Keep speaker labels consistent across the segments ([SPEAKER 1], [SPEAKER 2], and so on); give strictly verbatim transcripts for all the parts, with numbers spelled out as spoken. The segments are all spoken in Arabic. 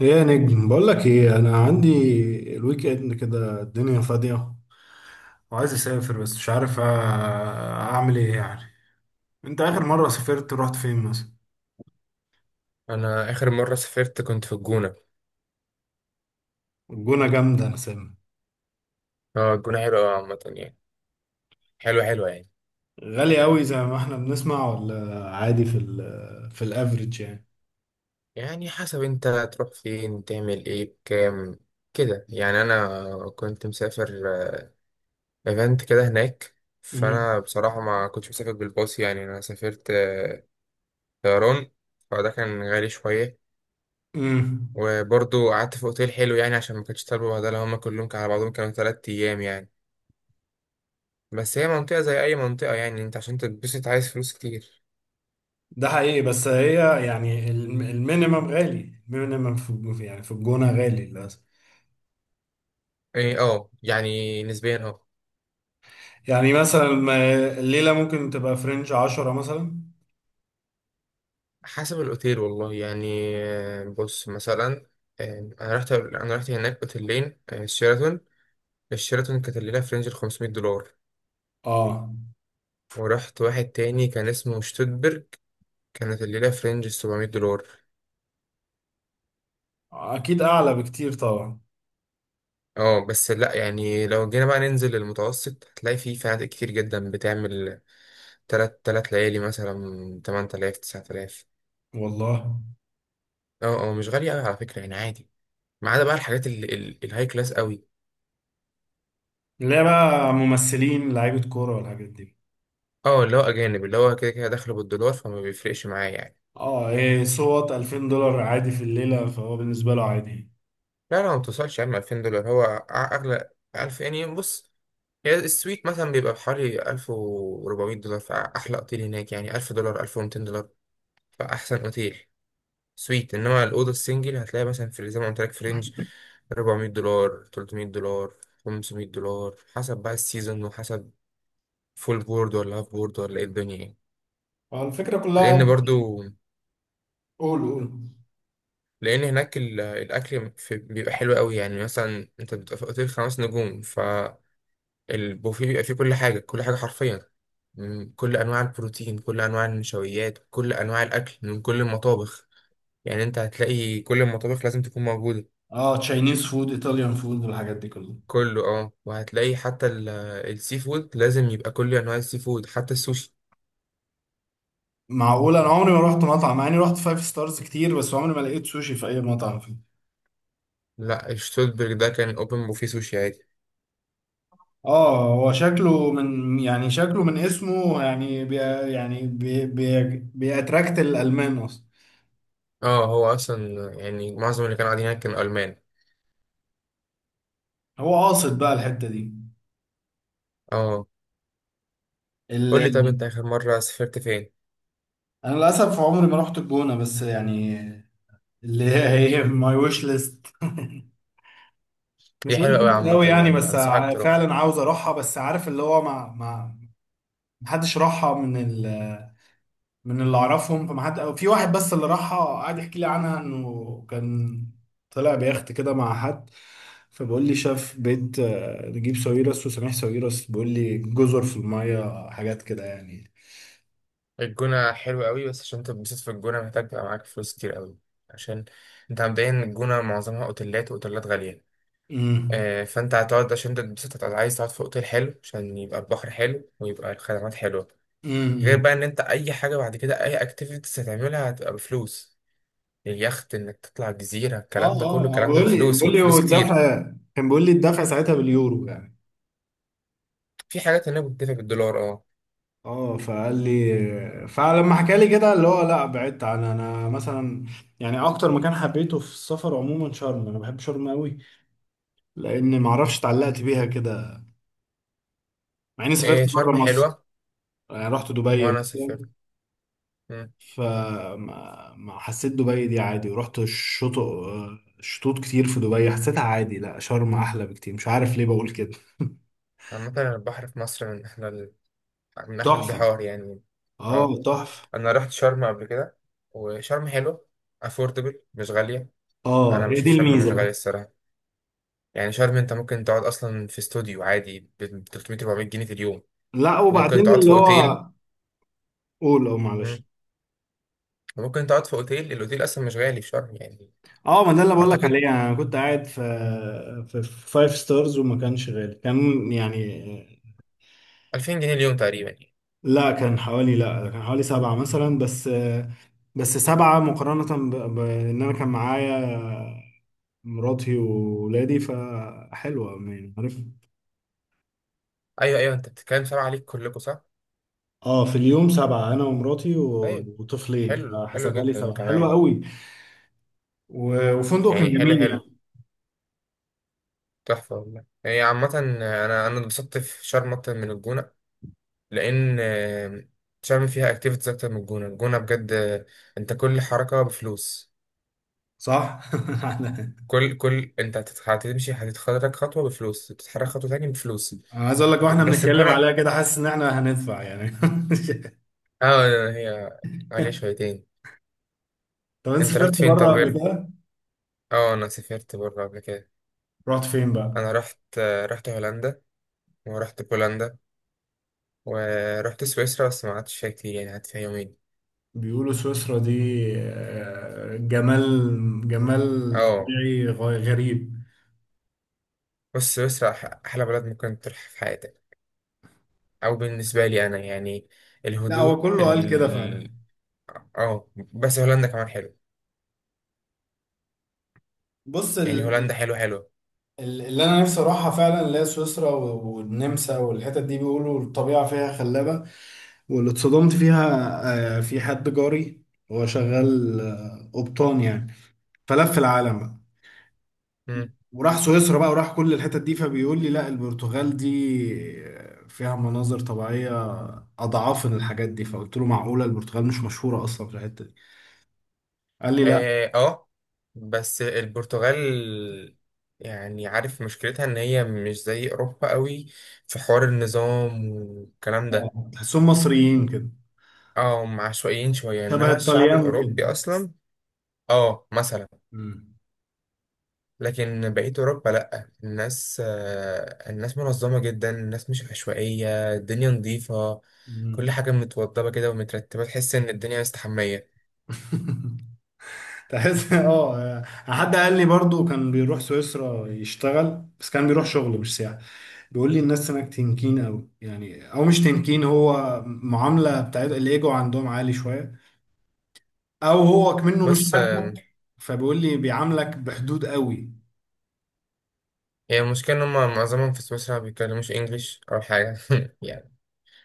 [SPEAKER 1] ايه يا نجم، بقول لك ايه. انا عندي الويك اند كده، الدنيا فاضيه وعايز اسافر بس مش عارف أ- اعمل ايه يعني. انت اخر مره سافرت رحت فين مثلا؟
[SPEAKER 2] انا اخر مره سافرت كنت في الجونه.
[SPEAKER 1] الجونه جامده، انا سامع.
[SPEAKER 2] اه، الجونه حلوه أوي عامه يعني، حلوه حلوه يعني.
[SPEAKER 1] غالي قوي زي ما احنا بنسمع ولا عادي في ال في الافريج يعني؟
[SPEAKER 2] يعني حسب انت تروح فين تعمل ايه بكام كده يعني. انا كنت مسافر ايفنت كده هناك.
[SPEAKER 1] امم.
[SPEAKER 2] فانا بصراحه ما كنتش مسافر بالباص، يعني انا سافرت آه، طيران. فده كان غالي شويه.
[SPEAKER 1] أمم.
[SPEAKER 2] وبرضه قعدت في اوتيل حلو يعني عشان ما كانتش طالبه بهدله، هما كلهم كانوا على بعضهم كانوا تلات ايام يعني. بس هي منطقه زي اي منطقه، يعني انت عشان تتبسط عايز فلوس كتير.
[SPEAKER 1] ده حقيقي، بس هي يعني الم- المينيمم غالي، المينيمم في في- يعني في الجونه غالي للاسف.
[SPEAKER 2] ايه اه، يعني نسبيا اه.
[SPEAKER 1] يعني مثلا ما- الليله ممكن تبقى فرنج عشرة مثلا.
[SPEAKER 2] حسب الأوتيل والله يعني، آه، بص مثلا. آه، أنا رحت أنا رحت هناك أوتيلين، آه، شيراتون. الشيراتون كانت الليلة في رينج الخمسمية دولار.
[SPEAKER 1] اه،
[SPEAKER 2] ورحت واحد تاني كان اسمه شتوتبرج، كانت الليلة في رينج السبعمية دولار.
[SPEAKER 1] اكيد اعلى بكتير طبعا.
[SPEAKER 2] اه بس لأ، يعني لو جينا بقى ننزل للمتوسط هتلاقي فيه فنادق كتير جدا بتعمل تلات تلات ليالي مثلا تمن تلاف تسعة تلاف.
[SPEAKER 1] والله.
[SPEAKER 2] اه اه، مش غالية أوي على فكرة يعني عادي. ما عدا بقى الحاجات ال- ال- الهاي كلاس أوي.
[SPEAKER 1] اللي هي بقى ممثلين لعيبه كوره والحاجات دي.
[SPEAKER 2] اه، اللي هو اجانب، اللي هو كده كده داخله بالدولار فما بيفرقش معاه يعني.
[SPEAKER 1] اه، إيه، صوت ألفين دولار عادي في الليله، فهو بالنسبه له عادي.
[SPEAKER 2] لا لا، ما بتوصلش يا عم. ألفين دولار هو أع- اغلى ألف يعني. بص، هي السويت مثلا بيبقى بحوالي ألف وأربعمية دولار. فاحلى اوتيل هناك يعني ألف دولار ألف ومئتين دولار، فاحسن اوتيل سويت. انما الاوضه السنجل هتلاقي مثلا في زي ما قلت لك في رينج أربعمية دولار ثلاثمية دولار خمسمية دولار، حسب بقى السيزون، وحسب فول بورد ولا هاف بورد ولا ايه الدنيا يعني.
[SPEAKER 1] فالفكره كلها...
[SPEAKER 2] لان برضو
[SPEAKER 1] قول، قول.
[SPEAKER 2] لان هناك ال- الاكل في- بيبقى حلو قوي. يعني مثلا انت بتبقى في اوتيل خمس نجوم، فالبوفيه بيبقى فيه كل حاجه كل حاجه حرفيا. م، كل انواع البروتين، كل انواع النشويات، كل انواع الاكل من كل المطابخ. يعني انت هتلاقي كل المطابخ لازم تكون موجوده.
[SPEAKER 1] اه، تشاينيز فود، ايطاليان فود، والحاجات دي كلها.
[SPEAKER 2] كله اه، وهتلاقي حتى ال- السي فود، لازم يبقى كل انواع السي فود حتى السوشي.
[SPEAKER 1] معقول؟ انا عمري ما رحت مطعم، مع اني رحت فايف ستارز كتير، بس عمري ما لقيت سوشي في اي مطعم فيه.
[SPEAKER 2] لا، الشتوتبرج ده كان اوبن بوفيه سوشي عادي.
[SPEAKER 1] اه، هو شكله من، يعني شكله من اسمه، يعني بي. يعني بي بي. بيأتراكت الالمان اصلا.
[SPEAKER 2] اه، هو اصلا يعني معظم اللي كانوا قاعدين هناك كانوا المان.
[SPEAKER 1] هو قاصد بقى الحته
[SPEAKER 2] اه. قول لي، طب
[SPEAKER 1] دي.
[SPEAKER 2] انت اخر مره سافرت فين؟
[SPEAKER 1] انا للاسف عمري ما رحت الجونه، بس يعني اللي هي، هي ماي ويش ليست مش
[SPEAKER 2] هي
[SPEAKER 1] ويش
[SPEAKER 2] حلوة أوي
[SPEAKER 1] ليست
[SPEAKER 2] عامة
[SPEAKER 1] قوي يعني،
[SPEAKER 2] يعني،
[SPEAKER 1] بس
[SPEAKER 2] أنصحك
[SPEAKER 1] ع-
[SPEAKER 2] تروحها.
[SPEAKER 1] فعلا عاوز اروحها، بس عارف اللي هو ما ما محدش راحها من ال من اللي اعرفهم، فما حد، أو في واحد بس اللي راحها قعد يحكي لي عنها، انه كان طلع بيخت كده مع حد، فبقول لي شاف بيت آه، نجيب ساويرس وسميح ساويرس، بيقول لي جزر في الميه، حاجات كده يعني.
[SPEAKER 2] الجونة حلوة أوي، بس عشان تتبسط في الجونة محتاج تبقى معاك فلوس كتير أوي. عشان أنت مبدئيا الجونة معظمها أوتيلات وأوتيلات غالية. آه، فأنت هتقعد عشان تتبسط، هتقعد عايز تقعد في أوتيل حلو عشان يبقى البحر حلو ويبقى الخدمات حلوة. غير
[SPEAKER 1] امم.
[SPEAKER 2] بقى إن أنت أي حاجة بعد كده أي أكتيفيتيز هتعملها هتبقى بفلوس. اليخت، إنك تطلع الجزيرة،
[SPEAKER 1] اه،
[SPEAKER 2] الكلام ده كله
[SPEAKER 1] اه، آه،
[SPEAKER 2] الكلام ده
[SPEAKER 1] بقول لي،
[SPEAKER 2] بفلوس
[SPEAKER 1] بقول لي
[SPEAKER 2] وبفلوس كتير.
[SPEAKER 1] والدفع كان بيقول لي، الدفع ساعتها باليورو يعني.
[SPEAKER 2] في حاجات هنا بتدفع بالدولار أه.
[SPEAKER 1] اه، فقال لي، فلما حكى لي كده اللي هو، لا، بعدت عن، انا مثلا يعني اكتر مكان حبيته في السفر عموما شرم، انا بحب شرم قوي، لان ما اعرفش اتعلقت بيها كده. مع اني سافرت
[SPEAKER 2] إيه،
[SPEAKER 1] بره
[SPEAKER 2] شرم
[SPEAKER 1] مصر،
[SPEAKER 2] حلوة.
[SPEAKER 1] يعني رحت دبي
[SPEAKER 2] وأنا سافرت.
[SPEAKER 1] مثلا،
[SPEAKER 2] مم.
[SPEAKER 1] فما ما حسيت دبي دي عادي، ورحت الشطوط، شطوط كتير في دبي، حسيتها عادي. لا، شرم احلى بكتير، مش عارف ليه بقول كده.
[SPEAKER 2] عامة البحر في مصر من أحلى من احلى
[SPEAKER 1] تحفة.
[SPEAKER 2] البحار يعني.
[SPEAKER 1] اه،
[SPEAKER 2] اه
[SPEAKER 1] تحفة.
[SPEAKER 2] انا رحت شرم قبل كده، وشرم حلو، افوردبل مش غاليه.
[SPEAKER 1] اه،
[SPEAKER 2] انا
[SPEAKER 1] هي دي
[SPEAKER 2] بشوف شرم مش
[SPEAKER 1] الميزه بقى.
[SPEAKER 2] غاليه الصراحه. يعني شرم انت ممكن تقعد اصلا في استوديو عادي ب تلتمية أربعمية جنيه في اليوم.
[SPEAKER 1] لا،
[SPEAKER 2] وممكن
[SPEAKER 1] وبعدين
[SPEAKER 2] تقعد في
[SPEAKER 1] اللي
[SPEAKER 2] اوتيل.
[SPEAKER 1] هو... قول، اه، معلش.
[SPEAKER 2] مم. وممكن تقعد في اوتيل، الاوتيل اصلا مش غالي في شرم يعني.
[SPEAKER 1] اه، ما ده اللي بقول لك عليه
[SPEAKER 2] اعتقد
[SPEAKER 1] يعني، انا كنت قاعد في في فايف ستارز، وما كانش غالي، كان يعني...
[SPEAKER 2] ألفين جنيه اليوم تقريبا يعني.
[SPEAKER 1] لا كان حوالي، لا كان حوالي سبعة مثلا بس، بس سبعة مقارنة ب- بان انا كان معايا مراتي وولادي، فحلوة يعني، عارف.
[SPEAKER 2] ايوه ايوه، انت بتتكلم سبعه عليك كلكم صح.
[SPEAKER 1] اه، في اليوم سبعة، انا ومراتي و-
[SPEAKER 2] طيب.
[SPEAKER 1] وطفلين،
[SPEAKER 2] حلو حلو
[SPEAKER 1] فحسبها لي
[SPEAKER 2] جدا
[SPEAKER 1] سبعة، حلوة
[SPEAKER 2] كمان.
[SPEAKER 1] قوي. و- وفندق
[SPEAKER 2] يعني
[SPEAKER 1] كان
[SPEAKER 2] حلو
[SPEAKER 1] جميل
[SPEAKER 2] حلو.
[SPEAKER 1] يعني.
[SPEAKER 2] تحفه والله. هي عامه انا انا اتبسطت في شرم اكتر من الجونه. لان آه، تعمل فيها اكتيفيتيز اكتر من الجونه. الجونه بجد، آه، انت كل حركه بفلوس.
[SPEAKER 1] صح.
[SPEAKER 2] كل كل انت هتت- هتمشي هتتحرك خطوه بفلوس، تتحرك خطوه تاني بفلوس.
[SPEAKER 1] انا عايز اقول لك، واحنا
[SPEAKER 2] بس
[SPEAKER 1] بنتكلم
[SPEAKER 2] الجونه
[SPEAKER 1] عليها كده، حاسس ان احنا هندفع يعني.
[SPEAKER 2] اه، هي عليها شويتين.
[SPEAKER 1] طب انت
[SPEAKER 2] انت رحت
[SPEAKER 1] سافرت
[SPEAKER 2] فين طب
[SPEAKER 1] بره قبل
[SPEAKER 2] غير؟
[SPEAKER 1] كده؟
[SPEAKER 2] اه، انا سافرت بره قبل كده.
[SPEAKER 1] رحت فين بقى؟
[SPEAKER 2] انا رحت آه، رحت هولندا، ورحت بولندا، ورحت سويسرا بس ما قعدتش فيها كتير، يعني قعدت فيها يومين.
[SPEAKER 1] بيقولوا سويسرا دي آه، جمال، جمال
[SPEAKER 2] اه،
[SPEAKER 1] طبيعي غ- غريب.
[SPEAKER 2] بص سويسرا أح- احلى بلد ممكن تروح في حياتك، او بالنسبه لي انا يعني،
[SPEAKER 1] لا، هو
[SPEAKER 2] الهدوء.
[SPEAKER 1] كله قال كده فعلا.
[SPEAKER 2] اه، بس هولندا كمان حلو.
[SPEAKER 1] بص
[SPEAKER 2] يعني
[SPEAKER 1] ال-
[SPEAKER 2] هولندا حلو حلو.
[SPEAKER 1] ال- اللي انا نفسي اروحها فعلا، اللي هي سويسرا و- والنمسا والحتت دي، بيقولوا الطبيعه فيها خلابه. واللي اتصدمت فيها، آه، في حد جاري، هو شغال آه، قبطان يعني، فلف العالم بقى،
[SPEAKER 2] امم.
[SPEAKER 1] وراح سويسرا بقى، وراح كل الحتت دي، فبيقول لي لا، البرتغال دي فيها مناظر طبيعية أضعافن الحاجات دي. فقلت له معقولة؟ البرتغال مش مشهورة أصلا في الحتة دي. قال لي لا.
[SPEAKER 2] اه آه، بس البرتغال، يعني عارف مشكلتها ان هي مش زي اوروبا قوي في حوار النظام والكلام ده.
[SPEAKER 1] آه، تحسهم مصريين كده.
[SPEAKER 2] اه، هم عشوائيين شويه،
[SPEAKER 1] شبه
[SPEAKER 2] انما الشعب
[SPEAKER 1] الطليان كده.
[SPEAKER 2] الاوروبي اصلا. اه مثلا.
[SPEAKER 1] مم.
[SPEAKER 2] لكن بقيه اوروبا لا، الناس آه الناس منظمه جدا، الناس مش عشوائيه، الدنيا نظيفه، كل
[SPEAKER 1] مم.
[SPEAKER 2] حاجه متوضبه كده ومترتبه، تحس ان الدنيا مستحميه.
[SPEAKER 1] تحس، اه يعني حد قال لي برضو كان بيروح سويسرا يشتغل، بس كان بيروح شغل مش سياحة. بيقول لي الناس هناك تنكين قوي يعني، او مش تنكين، هو معاملة بتاعت الايجو عندهم عالي شوية، او هو كمنه مش
[SPEAKER 2] بص
[SPEAKER 1] عارفك
[SPEAKER 2] آه،
[SPEAKER 1] فبيقول لي بيعاملك بحدود قوي.
[SPEAKER 2] هي المشكلة إن هما معظمهم في سويسرا بيتكلموش إنجليش أول حاجة يعني.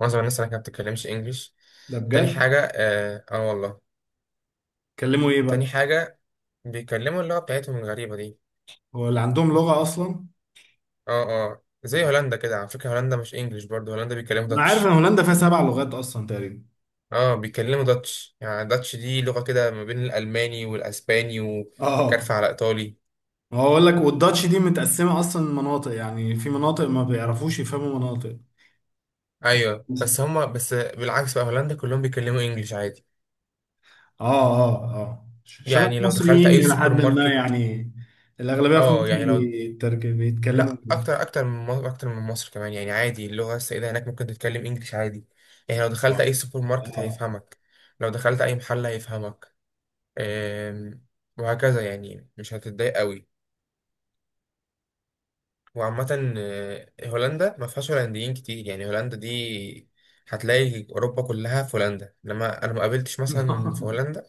[SPEAKER 2] معظم الناس هناك ما بتتكلمش إنجليش.
[SPEAKER 1] ده
[SPEAKER 2] تاني
[SPEAKER 1] بجد؟
[SPEAKER 2] حاجة، آه, آه والله.
[SPEAKER 1] كلمه ايه بقى؟
[SPEAKER 2] تاني حاجة، بيتكلموا اللغة بتاعتهم الغريبة دي.
[SPEAKER 1] هو اللي عندهم لغة اصلا؟
[SPEAKER 2] آه آه، زي هولندا كده على فكرة. هولندا مش إنجليش برضه، هولندا بيتكلموا
[SPEAKER 1] انا عارف ان
[SPEAKER 2] داتش.
[SPEAKER 1] هولندا فيها سبع لغات اصلا تقريبا.
[SPEAKER 2] آه بيتكلموا داتش. يعني داتش دي لغة كده ما بين الألماني والأسباني
[SPEAKER 1] اه،
[SPEAKER 2] وكارفة على إيطالي.
[SPEAKER 1] ما هو اقول لك، والداتش دي متقسمة اصلا مناطق، يعني في مناطق ما بيعرفوش يفهموا مناطق.
[SPEAKER 2] أيوه بس هما بس بالعكس بقى، هولندا كلهم بيتكلموا إنجليش عادي.
[SPEAKER 1] اه، اه، اه، شبه
[SPEAKER 2] يعني لو دخلت
[SPEAKER 1] المصريين
[SPEAKER 2] أي
[SPEAKER 1] الى
[SPEAKER 2] سوبر
[SPEAKER 1] حد ما
[SPEAKER 2] ماركت.
[SPEAKER 1] يعني. الاغلبية في
[SPEAKER 2] اه
[SPEAKER 1] مصر
[SPEAKER 2] يعني لو،
[SPEAKER 1] بيترك- بيتكلموا
[SPEAKER 2] لا
[SPEAKER 1] انجليزي.
[SPEAKER 2] اكتر اكتر من مصر، اكتر من مصر كمان يعني عادي. اللغه السائده هناك ممكن تتكلم انجليش عادي. يعني لو دخلت
[SPEAKER 1] اه.
[SPEAKER 2] اي سوبر ماركت
[SPEAKER 1] اه.
[SPEAKER 2] هيفهمك، لو دخلت اي محل هيفهمك. أم، وهكذا يعني مش هتتضايق قوي. وعامه آه، هولندا ما فيهاش هولنديين كتير يعني. هولندا دي هتلاقي اوروبا كلها في هولندا، انما انا ما قابلتش مثلا في هولندا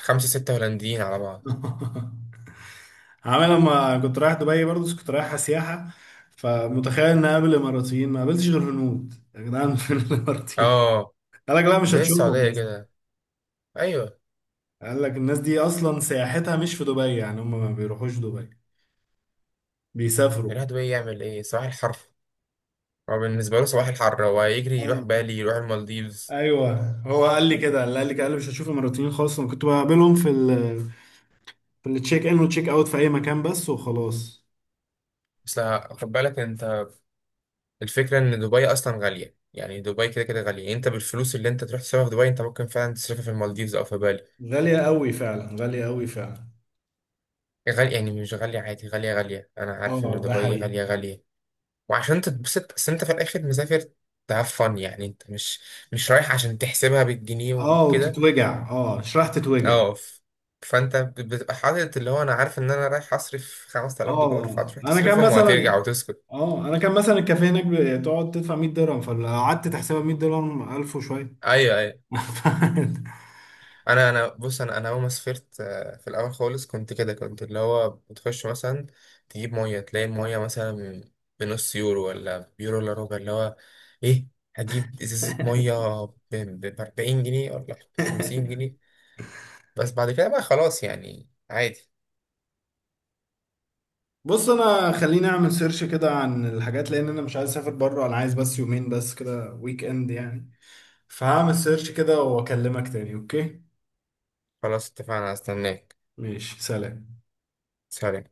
[SPEAKER 2] خمسة ستة هولنديين على بعض.
[SPEAKER 1] آه. عامل لما كنت رايح دبي برضه، بس كنت رايح سياحة، فمتخيل ان اقابل اماراتيين، ما قابلتش غير هنود يا جدعان. فين الاماراتيين؟
[SPEAKER 2] اه،
[SPEAKER 1] قال لك لا مش
[SPEAKER 2] زي
[SPEAKER 1] هتشوفهم
[SPEAKER 2] السعوديه
[SPEAKER 1] أصلاً.
[SPEAKER 2] كده. ايوه.
[SPEAKER 1] قال لك الناس دي اصلا سياحتها مش في دبي، يعني هم ما بيروحوش دبي، بيسافروا.
[SPEAKER 2] يروح دبي يعمل ايه؟ صباح الحر. هو بالنسبة له صباح الحر، هو يجري يروح
[SPEAKER 1] اه،
[SPEAKER 2] بالي، يروح المالديفز.
[SPEAKER 1] ايوه، هو قال لي كده، قال لي كده، قال لي مش هشوف اماراتيين خالص. انا كنت بقابلهم في ال في التشيك ان والتشيك اوت، في اي مكان بس وخلاص.
[SPEAKER 2] بس لا، خد بالك انت، الفكرة ان دبي اصلا غالية. يعني دبي كده كده غالية. انت بالفلوس اللي انت تروح تصرفها في دبي انت ممكن فعلا تصرفها في المالديفز او في بالي.
[SPEAKER 1] غالية قوي فعلا، غالية قوي فعلا.
[SPEAKER 2] غالية، يعني مش غالية عادي، غالية غالية. انا عارف ان
[SPEAKER 1] اه، ده
[SPEAKER 2] دبي
[SPEAKER 1] حقيقي.
[SPEAKER 2] غالية غالية. وعشان تتبسط بس انت في الاخر مسافر تهاف فن يعني. انت مش مش رايح عشان تحسبها بالجنيه
[SPEAKER 1] اه،
[SPEAKER 2] وكده.
[SPEAKER 1] وتتوجع، اه شريحة تتوجع.
[SPEAKER 2] اه ف- فانت بتبقى حاطط اللي هو، انا عارف ان انا رايح اصرف خمس تلاف دولار،
[SPEAKER 1] اه،
[SPEAKER 2] فهتروح
[SPEAKER 1] انا كان
[SPEAKER 2] تصرفهم وهترجع
[SPEAKER 1] مثلا،
[SPEAKER 2] وتسكت.
[SPEAKER 1] اه، انا كان مثلا الكافيه هناك بتقعد تدفع مئة درهم، فلو قعدت تحسبها مئة درهم ألف وشويه.
[SPEAKER 2] ايوه ايوه. انا انا بص، انا انا اول ما سافرت، آه، في الاول خالص كنت كده، كنت اللي هو بتخش مثلا تجيب ميه، تلاقي الميه مثلا بنص يورو ولا بيورو الا ربع، اللي هو ايه، هتجيب ازازه ميه ب أربعين جنيه ولا خمسين جنيه. بس بعد كده بقى خلاص يعني عادي.
[SPEAKER 1] بص، انا خليني اعمل سيرش كده عن الحاجات، لان انا مش عايز اسافر بره، انا عايز بس يومين بس كده، ويك اند يعني. فهعمل سيرش كده، واكلمك تاني، اوكي؟
[SPEAKER 2] خلاص اتفقنا، استناك.
[SPEAKER 1] ماشي، سلام.
[SPEAKER 2] سلام.